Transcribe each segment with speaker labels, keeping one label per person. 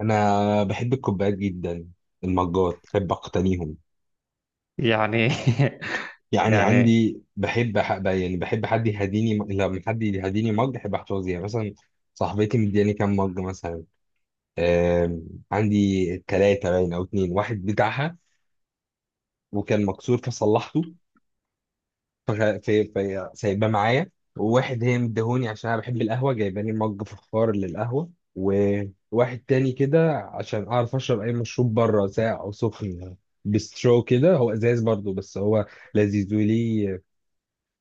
Speaker 1: انا بحب الكوبايات جدا. المجات بحب اقتنيهم.
Speaker 2: يعني.
Speaker 1: يعني
Speaker 2: يعني،
Speaker 1: عندي، بحب يعني بحب حد لما حد يهديني مج بحب احتفظ، يعني مثلا صاحبتي مدياني كام مج مثلا. آم، عندي ثلاثة باين او اتنين، واحد بتاعها وكان مكسور فصلحته، في سايباه معايا. وواحد هي مديهوني عشان انا بحب القهوه، جايباني مج فخار للقهوه. وواحد تاني كده عشان اعرف اشرب اي مشروب بره ساقع او سخن، بسترو كده، هو ازاز برضو بس هو لذيذ. وليه؟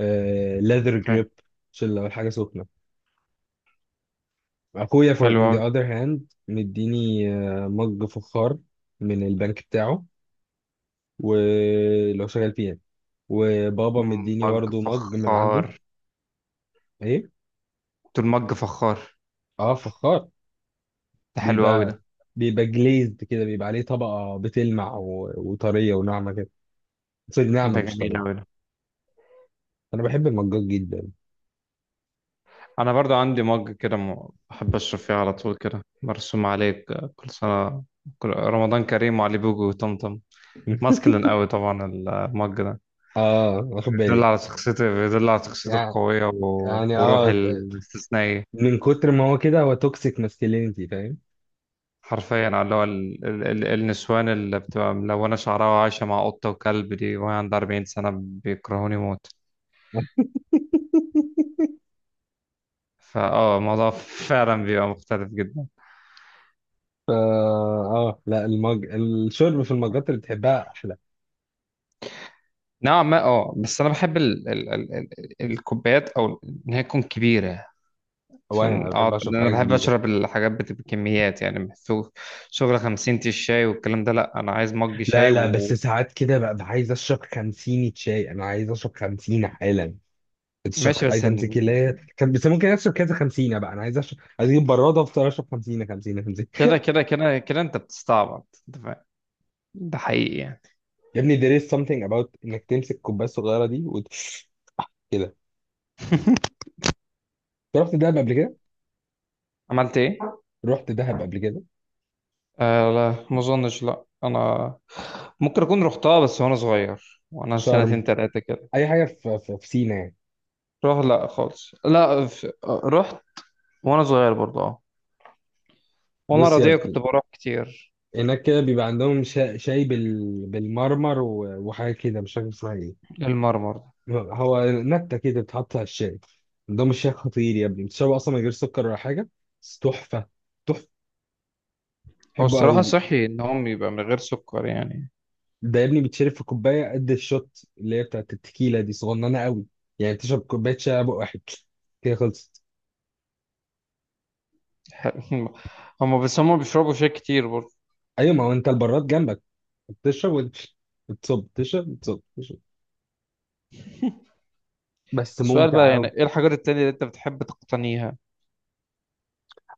Speaker 1: آه، ليذر
Speaker 2: اوكي.
Speaker 1: جريب، عشان لو الحاجه سخنه. اخويا for
Speaker 2: حلو
Speaker 1: on the
Speaker 2: أوي.
Speaker 1: other hand مديني مج فخار من البنك بتاعه ولو شغال فيه يعني. وبابا مديني
Speaker 2: مج
Speaker 1: برضو مج من عنده.
Speaker 2: فخار.
Speaker 1: ايه،
Speaker 2: دول مج فخار.
Speaker 1: اه فخار.
Speaker 2: ده حلو أوي
Speaker 1: بيبقى
Speaker 2: ده.
Speaker 1: بيبقى جليزد كده، بيبقى عليه طبقة بتلمع وطرية وناعمة كده. سوري، ناعمة
Speaker 2: ده
Speaker 1: مش
Speaker 2: جميل أوي
Speaker 1: طرية.
Speaker 2: ده.
Speaker 1: أنا بحب المجاج جدا.
Speaker 2: أنا برضو عندي مج كده، بحب أشرب فيه على طول، كده مرسوم عليه كل سنة، كل رمضان كريم وعلي بوجو وطمطم. ماسكلين أوي طبعا المج ده،
Speaker 1: اه، واخد
Speaker 2: بيدل
Speaker 1: بالي.
Speaker 2: على شخصيتي بيدل على شخصيتي
Speaker 1: يعني
Speaker 2: القوية و...
Speaker 1: يعني
Speaker 2: وروحي
Speaker 1: اه،
Speaker 2: الاستثنائية.
Speaker 1: من كتر ما هو كده هو توكسيك ماسكلينيتي، فاهم.
Speaker 2: حرفيا، على اللي هو النسوان اللي بتبقى ملونة شعرها وعايشة مع قطة وكلب دي، وهي عندها 40 سنة، بيكرهوني موت. فاه الموضوع فعلا بيبقى مختلف جدا.
Speaker 1: فا اه لا، الشرب في المجات اللي بتحبها احلى.
Speaker 2: نوعا ما، اه. بس انا بحب ال ال ال ال الكوبايات او ان هي تكون كبيرة.
Speaker 1: هو
Speaker 2: عشان
Speaker 1: انا بحب
Speaker 2: اقعد،
Speaker 1: اشرب
Speaker 2: لأن انا
Speaker 1: حاجه
Speaker 2: بحب
Speaker 1: كبيره.
Speaker 2: اشرب الحاجات بتبقى كميات يعني، مش شغل شغل 50 تي الشاي والكلام ده، لا انا عايز مج
Speaker 1: لا
Speaker 2: شاي
Speaker 1: لا، بس
Speaker 2: وماشي.
Speaker 1: ساعات كده ببقى عايز اشرب 50 شاي، انا عايز اشرب 50 حالا. الشب
Speaker 2: بس
Speaker 1: عايز امسك اللي هي كان، بس ممكن اشرب كذا خمسينه بقى، انا عايز اشرب، عايز اجيب براده افضل اشرب خمسينه خمسينه خمسينه.
Speaker 2: كده كده كده كده انت بتستعبط، انت فاهم. ده حقيقي يعني.
Speaker 1: يا ابني there is something about انك تمسك الكوبايه الصغيره دي كده. رحت دهب قبل كده.
Speaker 2: عملت ايه؟
Speaker 1: رحت دهب قبل كده.
Speaker 2: آه لا، ما اظنش، لا انا ممكن اكون رحتها بس وانا صغير، وانا
Speaker 1: شرم،
Speaker 2: سنتين تلاتة كده.
Speaker 1: اي حاجه في في سينا يعني.
Speaker 2: روح لا خالص، لا، في... آه، رحت وانا صغير برضه، اه. وانا
Speaker 1: بص يا
Speaker 2: رضيع كنت
Speaker 1: ابني،
Speaker 2: بروح كتير.
Speaker 1: هناك كده بيبقى عندهم شاي بالمرمر وحاجه كده مش فاكر اسمها ايه.
Speaker 2: المرمر ده.
Speaker 1: هو نكته كده بتحط على الشاي. عندهم الشاي خطير يا ابني، بتشربه اصلا من غير سكر ولا حاجه، بس تحفه، تحفه،
Speaker 2: هو
Speaker 1: بحبه
Speaker 2: الصراحة
Speaker 1: قوي.
Speaker 2: صحي ان هم يبقى من غير سكر يعني.
Speaker 1: ده يا ابني بيتشرب في كوبايه قد الشوت اللي هي بتاعت التكيله دي، صغننه قوي. يعني تشرب كوبايه شاي بق واحد. كده خلصت.
Speaker 2: هم، بس هم بيشربوا شاي كتير برضه.
Speaker 1: ايوه، ما هو انت البراد جنبك، بتشرب وتمشي، بتصب تشرب، بتصب تشرب، بس
Speaker 2: السؤال بقى،
Speaker 1: ممتع
Speaker 2: يعني
Speaker 1: قوي.
Speaker 2: ايه الحاجات التانية اللي انت بتحب تقتنيها؟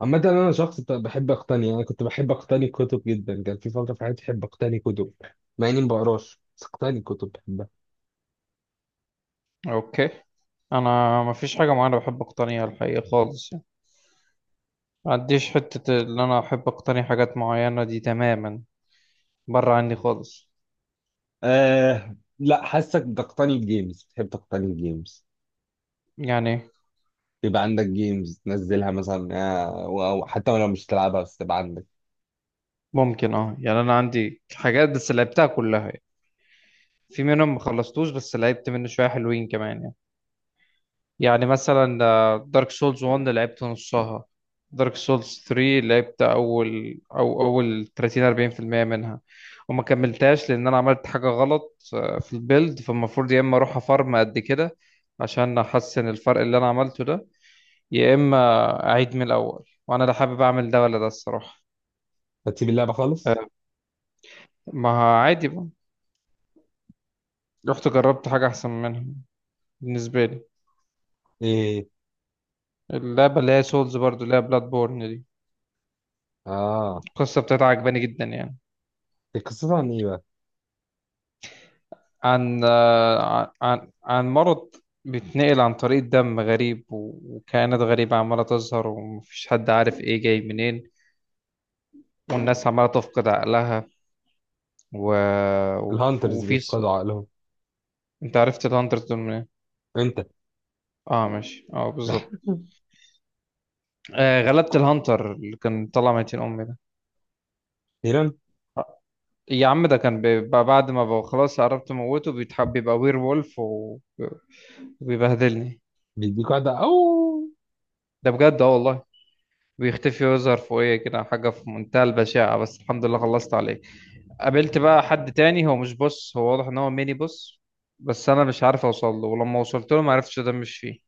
Speaker 1: عامة أنا شخص بحب أقتني، يعني كنت بحب أقتني كتب جدا، كان في فترة في حياتي بحب أقتني كتب، مع إني ما بقراش بس أقتني كتب بحبها.
Speaker 2: اوكي. انا ما فيش حاجة معينة بحب اقتنيها الحقيقة خالص يعني، ما عنديش حتة ان انا احب اقتني حاجات معينة دي تماما، بره عني خالص
Speaker 1: آه لا، حاسك بتقتني الجيمز، بتحب تقتني الجيمز.
Speaker 2: يعني.
Speaker 1: بيبقى عندك جيمز تنزلها مثلا، أو حتى لو مش تلعبها بس تبقى عندك.
Speaker 2: ممكن اه، يعني انا عندي حاجات بس لعبتها كلها يعني. في منهم ما خلصتوش، بس لعبت منه شويه حلوين كمان يعني. يعني مثلا، دارك سولز 1، لعبت نصها. دارك سولز 3، لعبت اول او اول 30، 40% منها. وما كملتهاش لان انا عملت حاجه غلط في البيلد، فالمفروض يا اما اروح افارم قد كده عشان احسن الفرق اللي انا عملته ده، يا اما اعيد من الاول، وانا لا حابب اعمل ده ولا ده الصراحه.
Speaker 1: هتسيب اللعبة خالص؟
Speaker 2: آه. ما عادي بقى. رحت جربت حاجة أحسن منها بالنسبة لي.
Speaker 1: ايه،
Speaker 2: اللعبة اللي هي سولز برضو، اللي هي بلاد بورن دي،
Speaker 1: اه.
Speaker 2: القصة بتاعتها عجباني جدا يعني.
Speaker 1: هي قصتها عن ايه بقى؟
Speaker 2: عن مرض بيتنقل عن طريق دم غريب و- وكائنات غريبة عمالة تظهر، ومفيش حد عارف إيه جاي منين. والناس عمالة تفقد عقلها و...
Speaker 1: الهانترز
Speaker 2: وفي ص...
Speaker 1: بيفقدوا عقلهم.
Speaker 2: أنت عرفت الهانتر دول منين؟
Speaker 1: انت.
Speaker 2: اه ماشي، اه بالظبط. غلبت الهانتر اللي كان طلع ميتين أمي ده.
Speaker 1: هيران.
Speaker 2: يا عم، ده كان بيبقى بعد ما بقى خلاص، قربت اموته بيتحب بيبقى وير وولف وبيبهدلني.
Speaker 1: بيديك واحدة او.
Speaker 2: ده بجد، اه والله. بيختفي ويظهر فوقيه كده حاجه في منتهى البشاعه، بس الحمد لله خلصت عليه. قابلت بقى حد تاني، هو مش بص، هو واضح ان هو ميني بص. بس انا مش عارف اوصل له، ولما وصلت له ما عرفتش، مش فيه.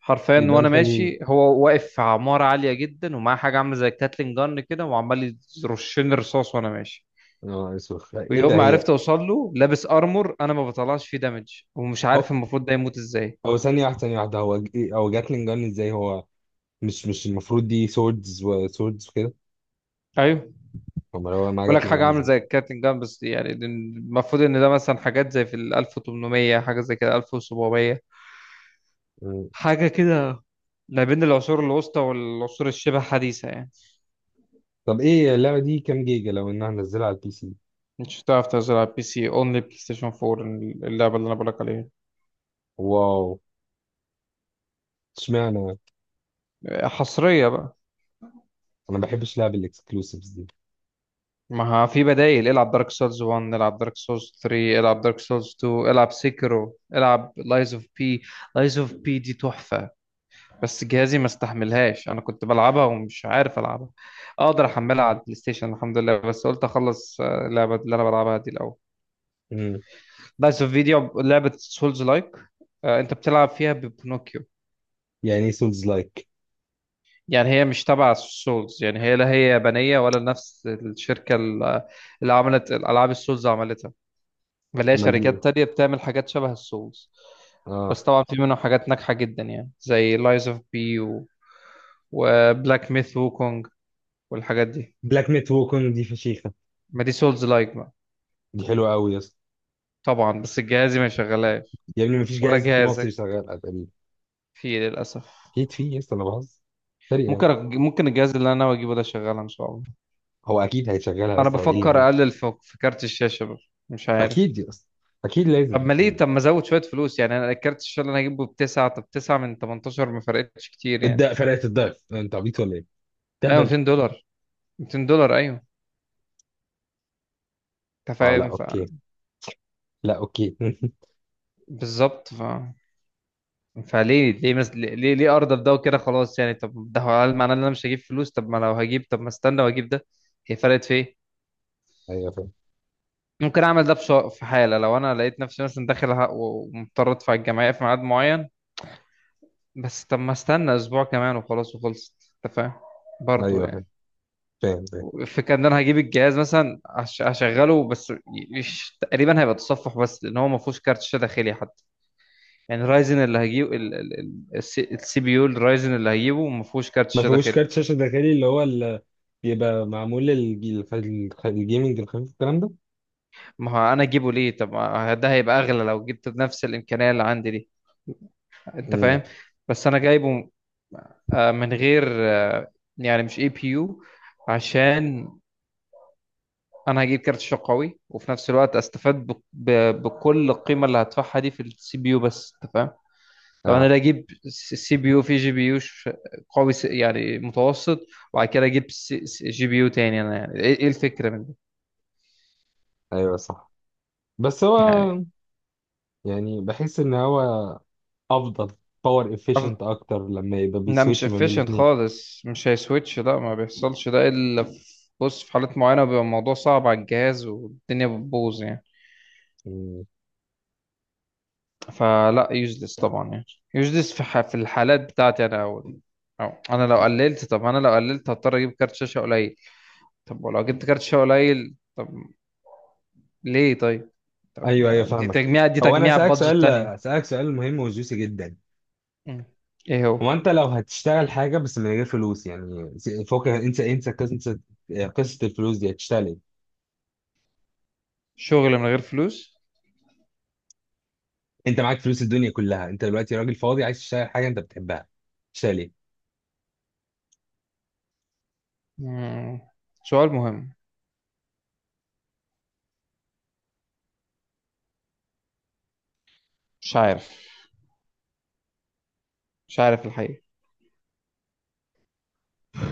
Speaker 2: حرفيا
Speaker 1: يبقى
Speaker 2: وانا
Speaker 1: انت ال.
Speaker 2: ماشي، هو واقف في عماره عاليه جدا، ومعاه حاجه عامله زي الكاتلين جن كده وعمال يرشني رصاص وانا ماشي.
Speaker 1: اه، اسوخ ايه ده،
Speaker 2: ويوم ما
Speaker 1: هي.
Speaker 2: عرفت اوصل له، لابس ارمور، انا ما بطلعش فيه دامج، ومش
Speaker 1: هو
Speaker 2: عارف المفروض ده يموت ازاي.
Speaker 1: هو ثانية واحدة ثانية واحدة، هو هو جاتلين جان ازاي؟ هو مش المفروض دي سوردز وسوردز وكده.
Speaker 2: ايوه،
Speaker 1: امال هو معاه
Speaker 2: بقول لك
Speaker 1: جاتلين
Speaker 2: حاجه
Speaker 1: جان
Speaker 2: عامله
Speaker 1: ازاي؟
Speaker 2: زي الكابتن جان، بس يعني المفروض ان ده مثلا حاجات زي في ال 1800، حاجه زي كده 1700،
Speaker 1: مم.
Speaker 2: حاجه كده. ما بين العصور الوسطى والعصور الشبه حديثة يعني.
Speaker 1: طب ايه اللعبة دي كام جيجا لو انها نزلها على البي سي؟
Speaker 2: مش هتعرف تنزل على البي سي، اونلي بلاي ستيشن 4. اللعبه اللي انا بقولك عليها
Speaker 1: واو، اشمعنى انا.
Speaker 2: حصرية بقى.
Speaker 1: ما بحبش لعب الاكسكلوسيفز دي.
Speaker 2: ما في بدايل، العب دارك سولز 1، العب دارك سولز 3، العب دارك سولز 2، العب سيكرو، العب لايز اوف بي. لايز اوف بي دي تحفة. بس جهازي ما استحملهاش، انا كنت بلعبها ومش عارف العبها. اقدر احملها على البلاي ستيشن الحمد لله، بس قلت اخلص اللعبة اللي انا بلعبها دي الاول.
Speaker 1: مم.
Speaker 2: لايز اوف فيديو لعبة سولز لايك، انت بتلعب فيها ببنوكيو.
Speaker 1: يعني ايه سولز لايك؟
Speaker 2: يعني هي مش تبع سولز، يعني هي لا هي يابانية، ولا نفس الشركة اللي عملت الالعاب السولز عملتها. بلاقي
Speaker 1: امال دي ايه؟
Speaker 2: شركات تانية بتعمل حاجات شبه السولز.
Speaker 1: اه.
Speaker 2: بس طبعا في منهم حاجات ناجحة جدا يعني زي لايز اوف بي وبلاك ميث ووكونج، والحاجات دي.
Speaker 1: بلاك ميت ووكونج دي فشيخه.
Speaker 2: ما دي سولز لايك بقى.
Speaker 1: دي حلوه قوي يا اسطى.
Speaker 2: طبعا، بس جهازي ما يشغلهاش
Speaker 1: يا ابني مفيش
Speaker 2: ولا
Speaker 1: جهاز في مصر
Speaker 2: جهازك،
Speaker 1: يشغلها تقريبا.
Speaker 2: فيه للأسف.
Speaker 1: اكيد في يا اسطى، انا بهزر. سريع.
Speaker 2: ممكن الجهاز اللي انا ناوي اجيبه ده شغال ان شاء الله.
Speaker 1: هو اكيد هيشغلها يا
Speaker 2: انا
Speaker 1: اسطى، هو ايه اللي
Speaker 2: بفكر
Speaker 1: ممكن.
Speaker 2: اقلل في كارت الشاشة بقى. مش عارف.
Speaker 1: اكيد يا اسطى، اكيد
Speaker 2: طب
Speaker 1: لازم
Speaker 2: ما ليه،
Speaker 1: يعني.
Speaker 2: طب ما ازود شوية فلوس يعني، انا الكارت الشاشة اللي انا هجيبه بتسعة، طب تسعة من 18 ما فرقتش كتير يعني.
Speaker 1: الد فرقه الضعف، انت عبيط ولا ايه؟
Speaker 2: ايوه،
Speaker 1: تهبل.
Speaker 2: 200 دولار. 200 دولار ايوه. انت
Speaker 1: اه لا،
Speaker 2: فاهم.
Speaker 1: اوكي. لا اوكي.
Speaker 2: بالظبط، فليه ليه مس... ليه ليه ارضى بده وكده خلاص يعني. طب ده هو، هل معناه ان انا مش هجيب فلوس؟ طب ما لو هجيب، طب ما استنى واجيب ده. هي فرقت في ايه؟
Speaker 1: ايوه فاهم.
Speaker 2: ممكن اعمل ده في حاله لو انا لقيت نفسي مثلا داخل ومضطر ادفع الجمعيه في ميعاد معين. بس طب ما استنى اسبوع كمان وخلاص، وخلصت، انت فاهم. برضه
Speaker 1: ايوه فاهم،
Speaker 2: يعني.
Speaker 1: فاهم، فاهم.
Speaker 2: الفكره ان انا هجيب الجهاز مثلا، هشغله بس تقريبا هيبقى تصفح بس، لان هو ما فيهوش كارت شاشه داخلي حتى. يعني رايزن اللي هجيبه، السي بي يو الرايزن اللي هجيبه ما فيهوش كارت
Speaker 1: ما
Speaker 2: شاشه
Speaker 1: فيهوش
Speaker 2: داخلي.
Speaker 1: كارت شاشه داخلي، اللي هو ال... بيبقى معمول الجيمنج الخفيف، الكلام ده.
Speaker 2: ما هو انا اجيبه ليه؟ طب ما ده هيبقى اغلى لو جبت بنفس الامكانيه اللي عندي دي، انت
Speaker 1: امم.
Speaker 2: فاهم. بس انا جايبه من غير يعني مش اي بي يو. عشان انا هجيب كارت شاشه قوي، وفي نفس الوقت استفاد بكل القيمه اللي هدفعها دي في السي بي يو، بس انت فاهم. طب انا
Speaker 1: اه
Speaker 2: لا اجيب سي بي يو في جي بي يو قوي يعني متوسط. وبعد كده اجيب جي بي يو تاني، انا يعني، ايه الفكره من
Speaker 1: ايوه صح، بس هو،
Speaker 2: يعني.
Speaker 1: يعني بحس ان هو افضل، باور
Speaker 2: أف...
Speaker 1: افيشنت اكتر لما يبقى
Speaker 2: لا مش
Speaker 1: بيسويتش ما بين
Speaker 2: efficient
Speaker 1: الاثنين.
Speaker 2: خالص، مش هيسويتش، لا ما بيحصلش ده الا في، بص، في حالات معينة بيبقى الموضوع صعب على الجهاز والدنيا بتبوظ يعني. فلا يوزلس طبعا يعني. يوزلس في الحالات بتاعتي انا اول. أو انا لو قللت، طب انا لو قللت هضطر اجيب كارت شاشة قليل. طب ولو جبت كارت شاشة قليل طب ليه طيب. طب،
Speaker 1: ايوه ايوه
Speaker 2: دي
Speaker 1: فاهمك.
Speaker 2: تجميع دي
Speaker 1: هو انا
Speaker 2: تجميع بادجت تانية.
Speaker 1: اسالك سؤال مهم وجوسي جدا.
Speaker 2: مم. ايه
Speaker 1: هو
Speaker 2: هو؟
Speaker 1: انت لو هتشتغل حاجه بس من غير فلوس يعني، فوق، انسى قصه، قصه الفلوس دي. هتشتغل ايه؟
Speaker 2: شغل من غير فلوس.
Speaker 1: انت معاك فلوس الدنيا كلها، انت دلوقتي راجل فاضي عايز تشتغل حاجه انت بتحبها، تشتغل ايه؟
Speaker 2: مم. سؤال مهم. مش عارف. مش عارف الحقيقة.